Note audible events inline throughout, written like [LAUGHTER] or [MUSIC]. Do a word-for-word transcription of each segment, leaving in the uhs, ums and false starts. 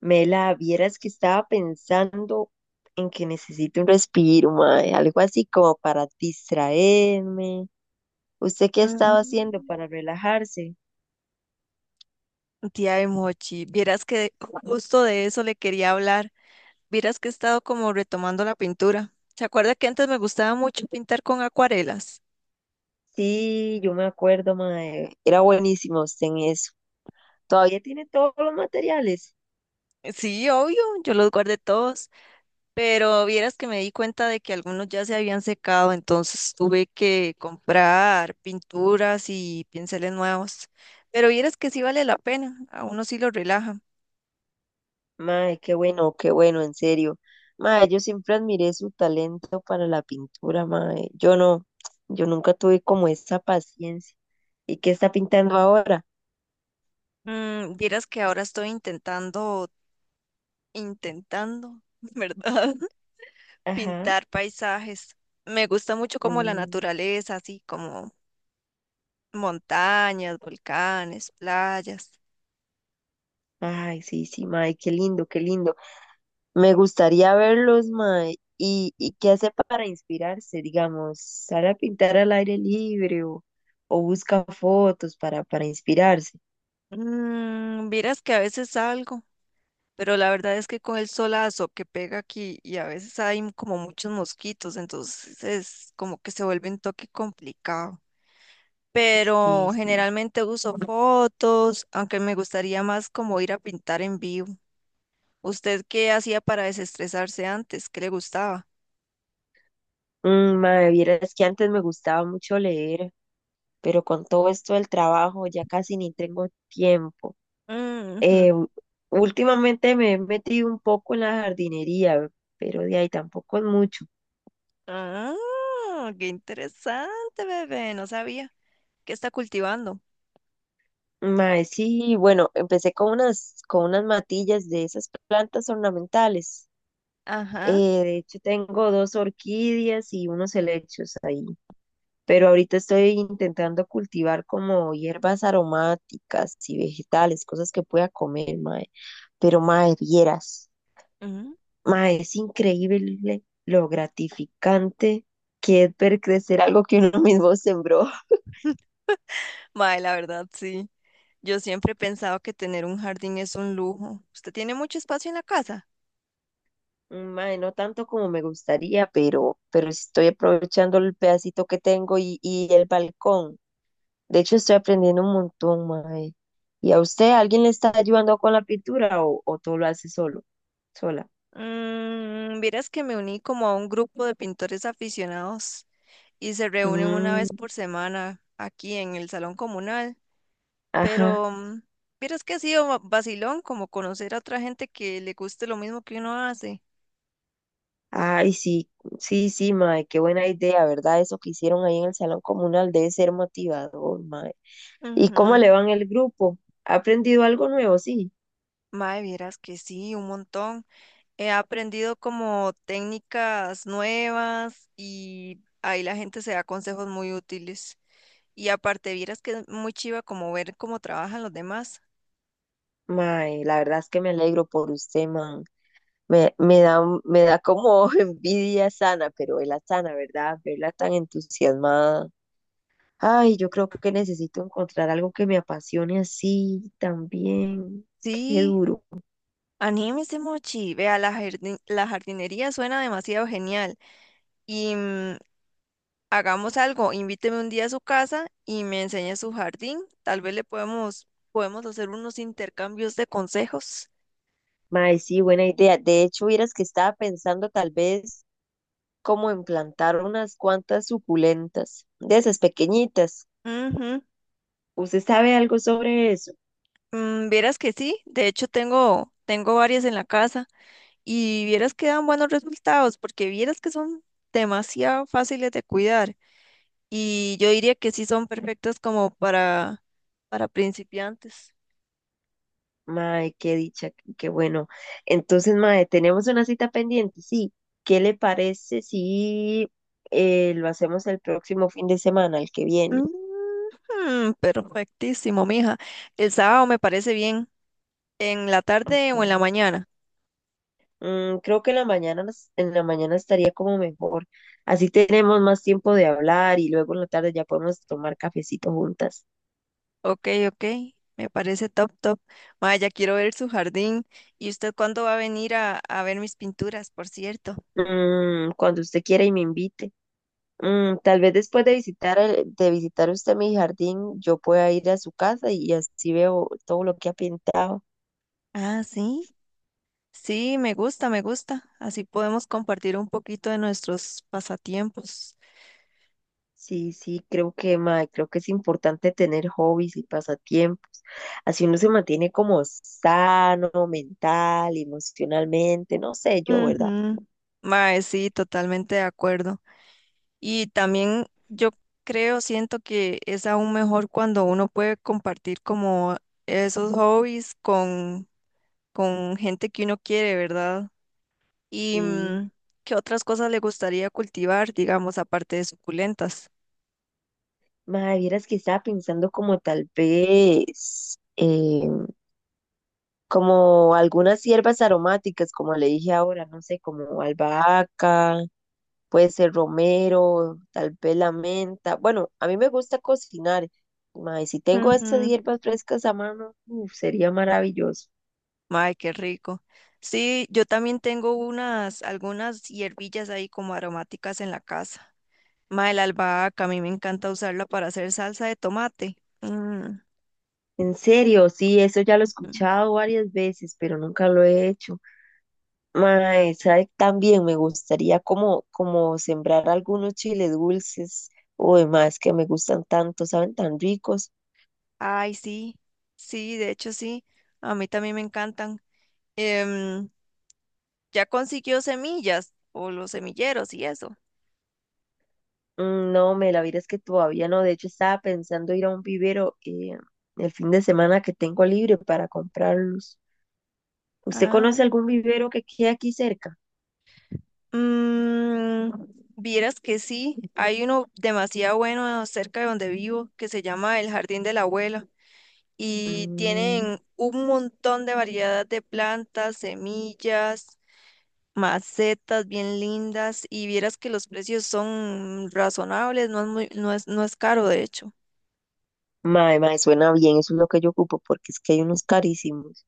Mela, vieras que estaba pensando en que necesito un respiro, mae, algo así como para distraerme. ¿Usted qué ha estado haciendo Mm, para relajarse? Tía de Mochi, vieras que justo de eso le quería hablar. Vieras que he estado como retomando la pintura. ¿Se acuerda que antes me gustaba mucho pintar con acuarelas? Sí, yo me acuerdo, mae, era buenísimo usted en eso. ¿Todavía tiene todos los materiales? Sí, obvio, yo los guardé todos. Pero vieras que me di cuenta de que algunos ya se habían secado, entonces tuve que comprar pinturas y pinceles nuevos. Pero vieras que sí vale la pena, a uno sí lo relaja. Mae, qué bueno, qué bueno, en serio. Mae, yo siempre admiré su talento para la pintura, mae. Yo no, yo nunca tuve como esa paciencia. ¿Y qué está pintando ahora? Mm, vieras que ahora estoy intentando, intentando, [LAUGHS] ¿verdad? [LAUGHS] Ajá. Pintar paisajes. Me gusta mucho como la Mm. naturaleza, así como montañas, volcanes, playas. Ay, sí, sí, mae, qué lindo, qué lindo. Me gustaría verlos, mae. ¿Y, y qué hace para inspirarse, digamos? ¿Sale a pintar al aire libre o, o busca fotos para, para inspirarse? Mm, vieras que a veces salgo. Pero la verdad es que con el solazo que pega aquí y a veces hay m- como muchos mosquitos, entonces es como que se vuelve un toque complicado. Sí, Pero sí. generalmente uso fotos, aunque me gustaría más como ir a pintar en vivo. ¿Usted qué hacía para desestresarse antes? ¿Qué le gustaba? Mm, mae, vieras que antes me gustaba mucho leer, pero con todo esto del trabajo ya casi ni tengo tiempo. Ujú. Eh, u- Últimamente me he metido un poco en la jardinería, pero de ahí tampoco es mucho. Ah, qué interesante, bebé. No sabía. ¿Qué está cultivando? Mae, sí, bueno, empecé con unas, con unas matillas de esas plantas ornamentales. Eh, Ajá. de hecho, tengo dos orquídeas y unos helechos ahí. Pero ahorita estoy intentando cultivar como hierbas aromáticas y vegetales, cosas que pueda comer, mae. Pero, mae, vieras, mae, es increíble lo gratificante que es ver crecer algo que uno [LAUGHS] mismo sembró. Mae, la verdad, sí. Yo siempre he pensado que tener un jardín es un lujo. ¿Usted tiene mucho espacio en la casa? Mae, no tanto como me gustaría, pero, pero sí estoy aprovechando el pedacito que tengo y, y el balcón. De hecho, estoy aprendiendo un montón, mae. ¿Y a usted alguien le está ayudando con la pintura o, o todo lo hace solo, sola? Mm, vieras que me uní como a un grupo de pintores aficionados y se reúnen una Mm, vez por semana aquí en el salón comunal. ajá. Pero mm, vieras que ha sido va- vacilón como conocer a otra gente que le guste lo mismo que uno hace. Ay, sí, sí, sí, mae, qué buena idea, ¿verdad? Eso que hicieron ahí en el salón comunal debe ser motivador, mae. ¿Y cómo le Ujú. va en el grupo? ¿Ha aprendido algo nuevo? Sí. Mae, vieras que sí, un montón. He aprendido como técnicas nuevas y ahí la gente se da consejos muy útiles. Y aparte, vieras que es muy chiva como ver cómo trabajan los demás. Mae, la verdad es que me alegro por usted, man. Me, me da, un- me da como [LAUGHS] envidia sana, pero la sana, ¿verdad? Verla tan entusiasmada. Ay, yo creo que necesito encontrar algo que me apasione así también. Qué Sí, duro. anímese, Mochi. Vea, la jardin- la jardinería suena demasiado genial. Y mm, hagamos algo, invíteme un día a su casa y me enseñe su jardín. Tal vez le podemos, podemos hacer unos intercambios de consejos. Mae, sí, buena idea. De hecho, vieras que estaba pensando tal vez como en plantar unas cuantas suculentas, de esas pequeñitas. Ujú. ¿Usted sabe algo sobre eso? Mm, vieras que sí, de hecho tengo, tengo varias en la casa. Y vieras que dan buenos resultados, porque vieras que son demasiado fáciles de cuidar. Y yo diría que sí son perfectas como para, para principiantes. Mae, qué dicha, qué bueno. Entonces, mae, tenemos una cita pendiente, sí. ¿Qué le parece si eh, lo hacemos el próximo fin de semana, el que viene? Ujú, perfectísimo, mija. El sábado me parece bien. ¿En la tarde o en la Okay. mañana? Mm, creo que en la mañana, nos- en la mañana estaría como mejor. Así tenemos más tiempo de hablar y luego en la tarde ya podemos tomar cafecito juntas. Ok, ok. Me parece top, top. Mae, ya quiero ver su jardín. ¿Y usted cuándo va a venir a, a ver mis pinturas, por cierto? Mm, cuando usted quiera y me invite. Mm, tal vez después de visitar el- de visitar usted mi jardín, yo pueda ir a su casa y así veo todo lo que ha pintado. Ah, sí. Sí, me gusta, me gusta. Así podemos compartir un poquito de nuestros pasatiempos. Sí, sí, creo que, mae, creo que es importante tener hobbies y pasatiempos. Así uno se mantiene como sano mental, emocionalmente, no sé yo, ¿verdad? Ujú. Mae, sí, totalmente de acuerdo. Y también yo creo, siento que es aún mejor cuando uno puede compartir como esos hobbies con, con gente que uno quiere, ¿verdad? Y Y, mm, ¿qué otras cosas le gustaría cultivar, digamos, aparte de suculentas? mae, vieras que estaba pensando como tal vez, eh, como algunas hierbas aromáticas, como le dije ahora, no sé, como albahaca, puede ser romero, tal vez la menta. Bueno, a mí me gusta cocinar. Mae, si tengo esas hierbas frescas a mano, uf, sería maravilloso. Ay, qué rico. Sí, yo también tengo unas, algunas hierbillas ahí como aromáticas en la casa. Mae, la albahaca, a mí me encanta usarla para hacer salsa de tomate. Mm, En serio, sí, eso ya lo he ujú. escuchado varias veces, pero nunca lo he hecho. Mae, ¿sabe? También me gustaría como, como sembrar algunos chiles dulces. Uy, más que me gustan tanto, saben tan ricos. Ay, sí, sí, de hecho sí, a mí también me encantan. Em, ¿ya consiguió semillas o los semilleros y eso? Mm, no, me la vida es que todavía no. De hecho, estaba pensando ir a un vivero eh, el fin de semana que tengo libre para comprarlos. ¿Usted conoce Ah, algún vivero que quede aquí cerca? mm, vieras que sí, hay uno demasiado bueno cerca de donde vivo que se llama el Jardín de la Abuela. Y Mm, tienen un montón de variedad de plantas, semillas, macetas bien lindas y vieras que los precios son razonables, no es muy, no es, no es caro de hecho. mae, mae, suena bien, eso es lo que yo ocupo, porque es que hay unos carísimos.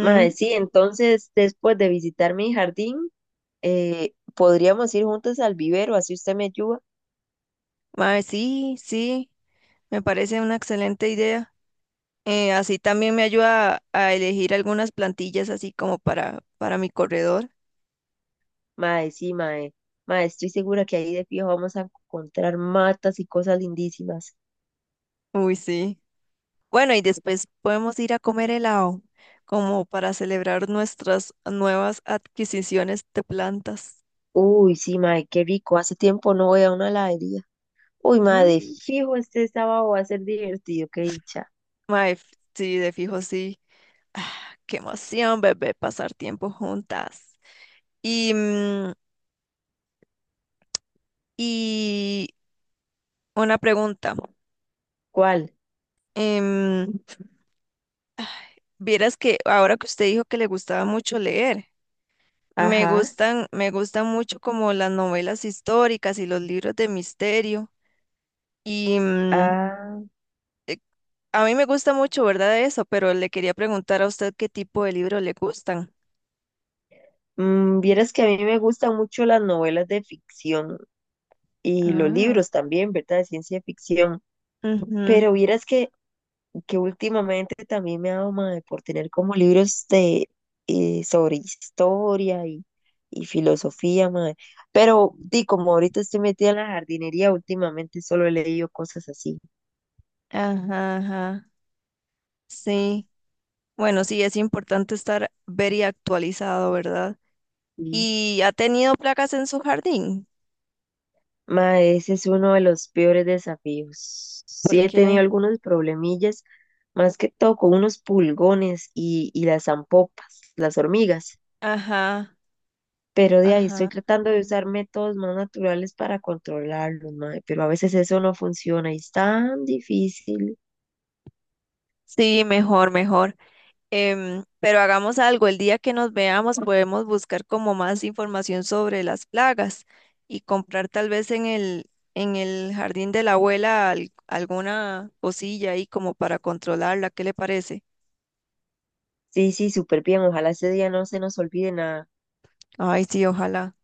Mae, sí, entonces después de visitar mi jardín, eh, podríamos ir juntos al vivero, así usted me ayuda. Mae, sí, sí, me parece una excelente idea. Eh, así también me ayuda a elegir algunas plantillas así como para, para mi corredor. Mae, sí, mae, mae, estoy segura que ahí de fijo vamos a encontrar matas y cosas lindísimas. Uy, sí. Bueno, y después podemos ir a comer helado, como para celebrar nuestras nuevas adquisiciones de plantas. Uy, sí, mae, qué rico, hace tiempo no voy a una heladería. Uy, mae, de Mm, fijo este sábado va a ser divertido, qué dicha. mae, f- sí, de fijo, sí. Ah, qué emoción, bebé, pasar tiempo juntas. Y, mm, y una pregunta. ¿Cuál? em, vieras que ahora que usted dijo que le gustaba mucho leer, me Ajá. gustan, me gustan mucho como las novelas históricas y los libros de misterio. Y, mm, Ah. a mí me gusta mucho, ¿verdad? Eso, pero le quería preguntar a usted qué tipo de libros le gustan. Mm, vieras que a mí me gustan mucho las novelas de ficción y los Ah. libros también, ¿verdad? De ciencia ficción. Ujú. Pero vieras que, que últimamente también me ha dado mae, por tener como libros de, eh, sobre historia y, y filosofía, mae. Pero di, como ahorita estoy metida en la jardinería, últimamente solo he leído cosas así. Ajá, ajá. Sí. Bueno, sí, es importante estar very actualizado, ¿verdad? ¿Y ha tenido placas en su jardín? Ma, ese es uno de los peores desafíos. Sí ¿Por he tenido qué? algunos problemillas, más que todo con unos pulgones y, y las zampopas, las hormigas. Ajá, Pero de ahí estoy ajá. tratando de usar métodos más naturales para controlarlos, ma, pero a veces eso no funciona y es tan difícil. Sí, mejor, mejor. Em, pero hagamos algo, el día que nos veamos podemos buscar como más información sobre las plagas y comprar tal vez en el, en el Jardín de la Abuela al- alguna cosilla ahí como para controlarla. ¿Qué le parece? Sí, sí, súper bien. Ojalá ese día no se nos olvide nada. Ay, sí, ojalá.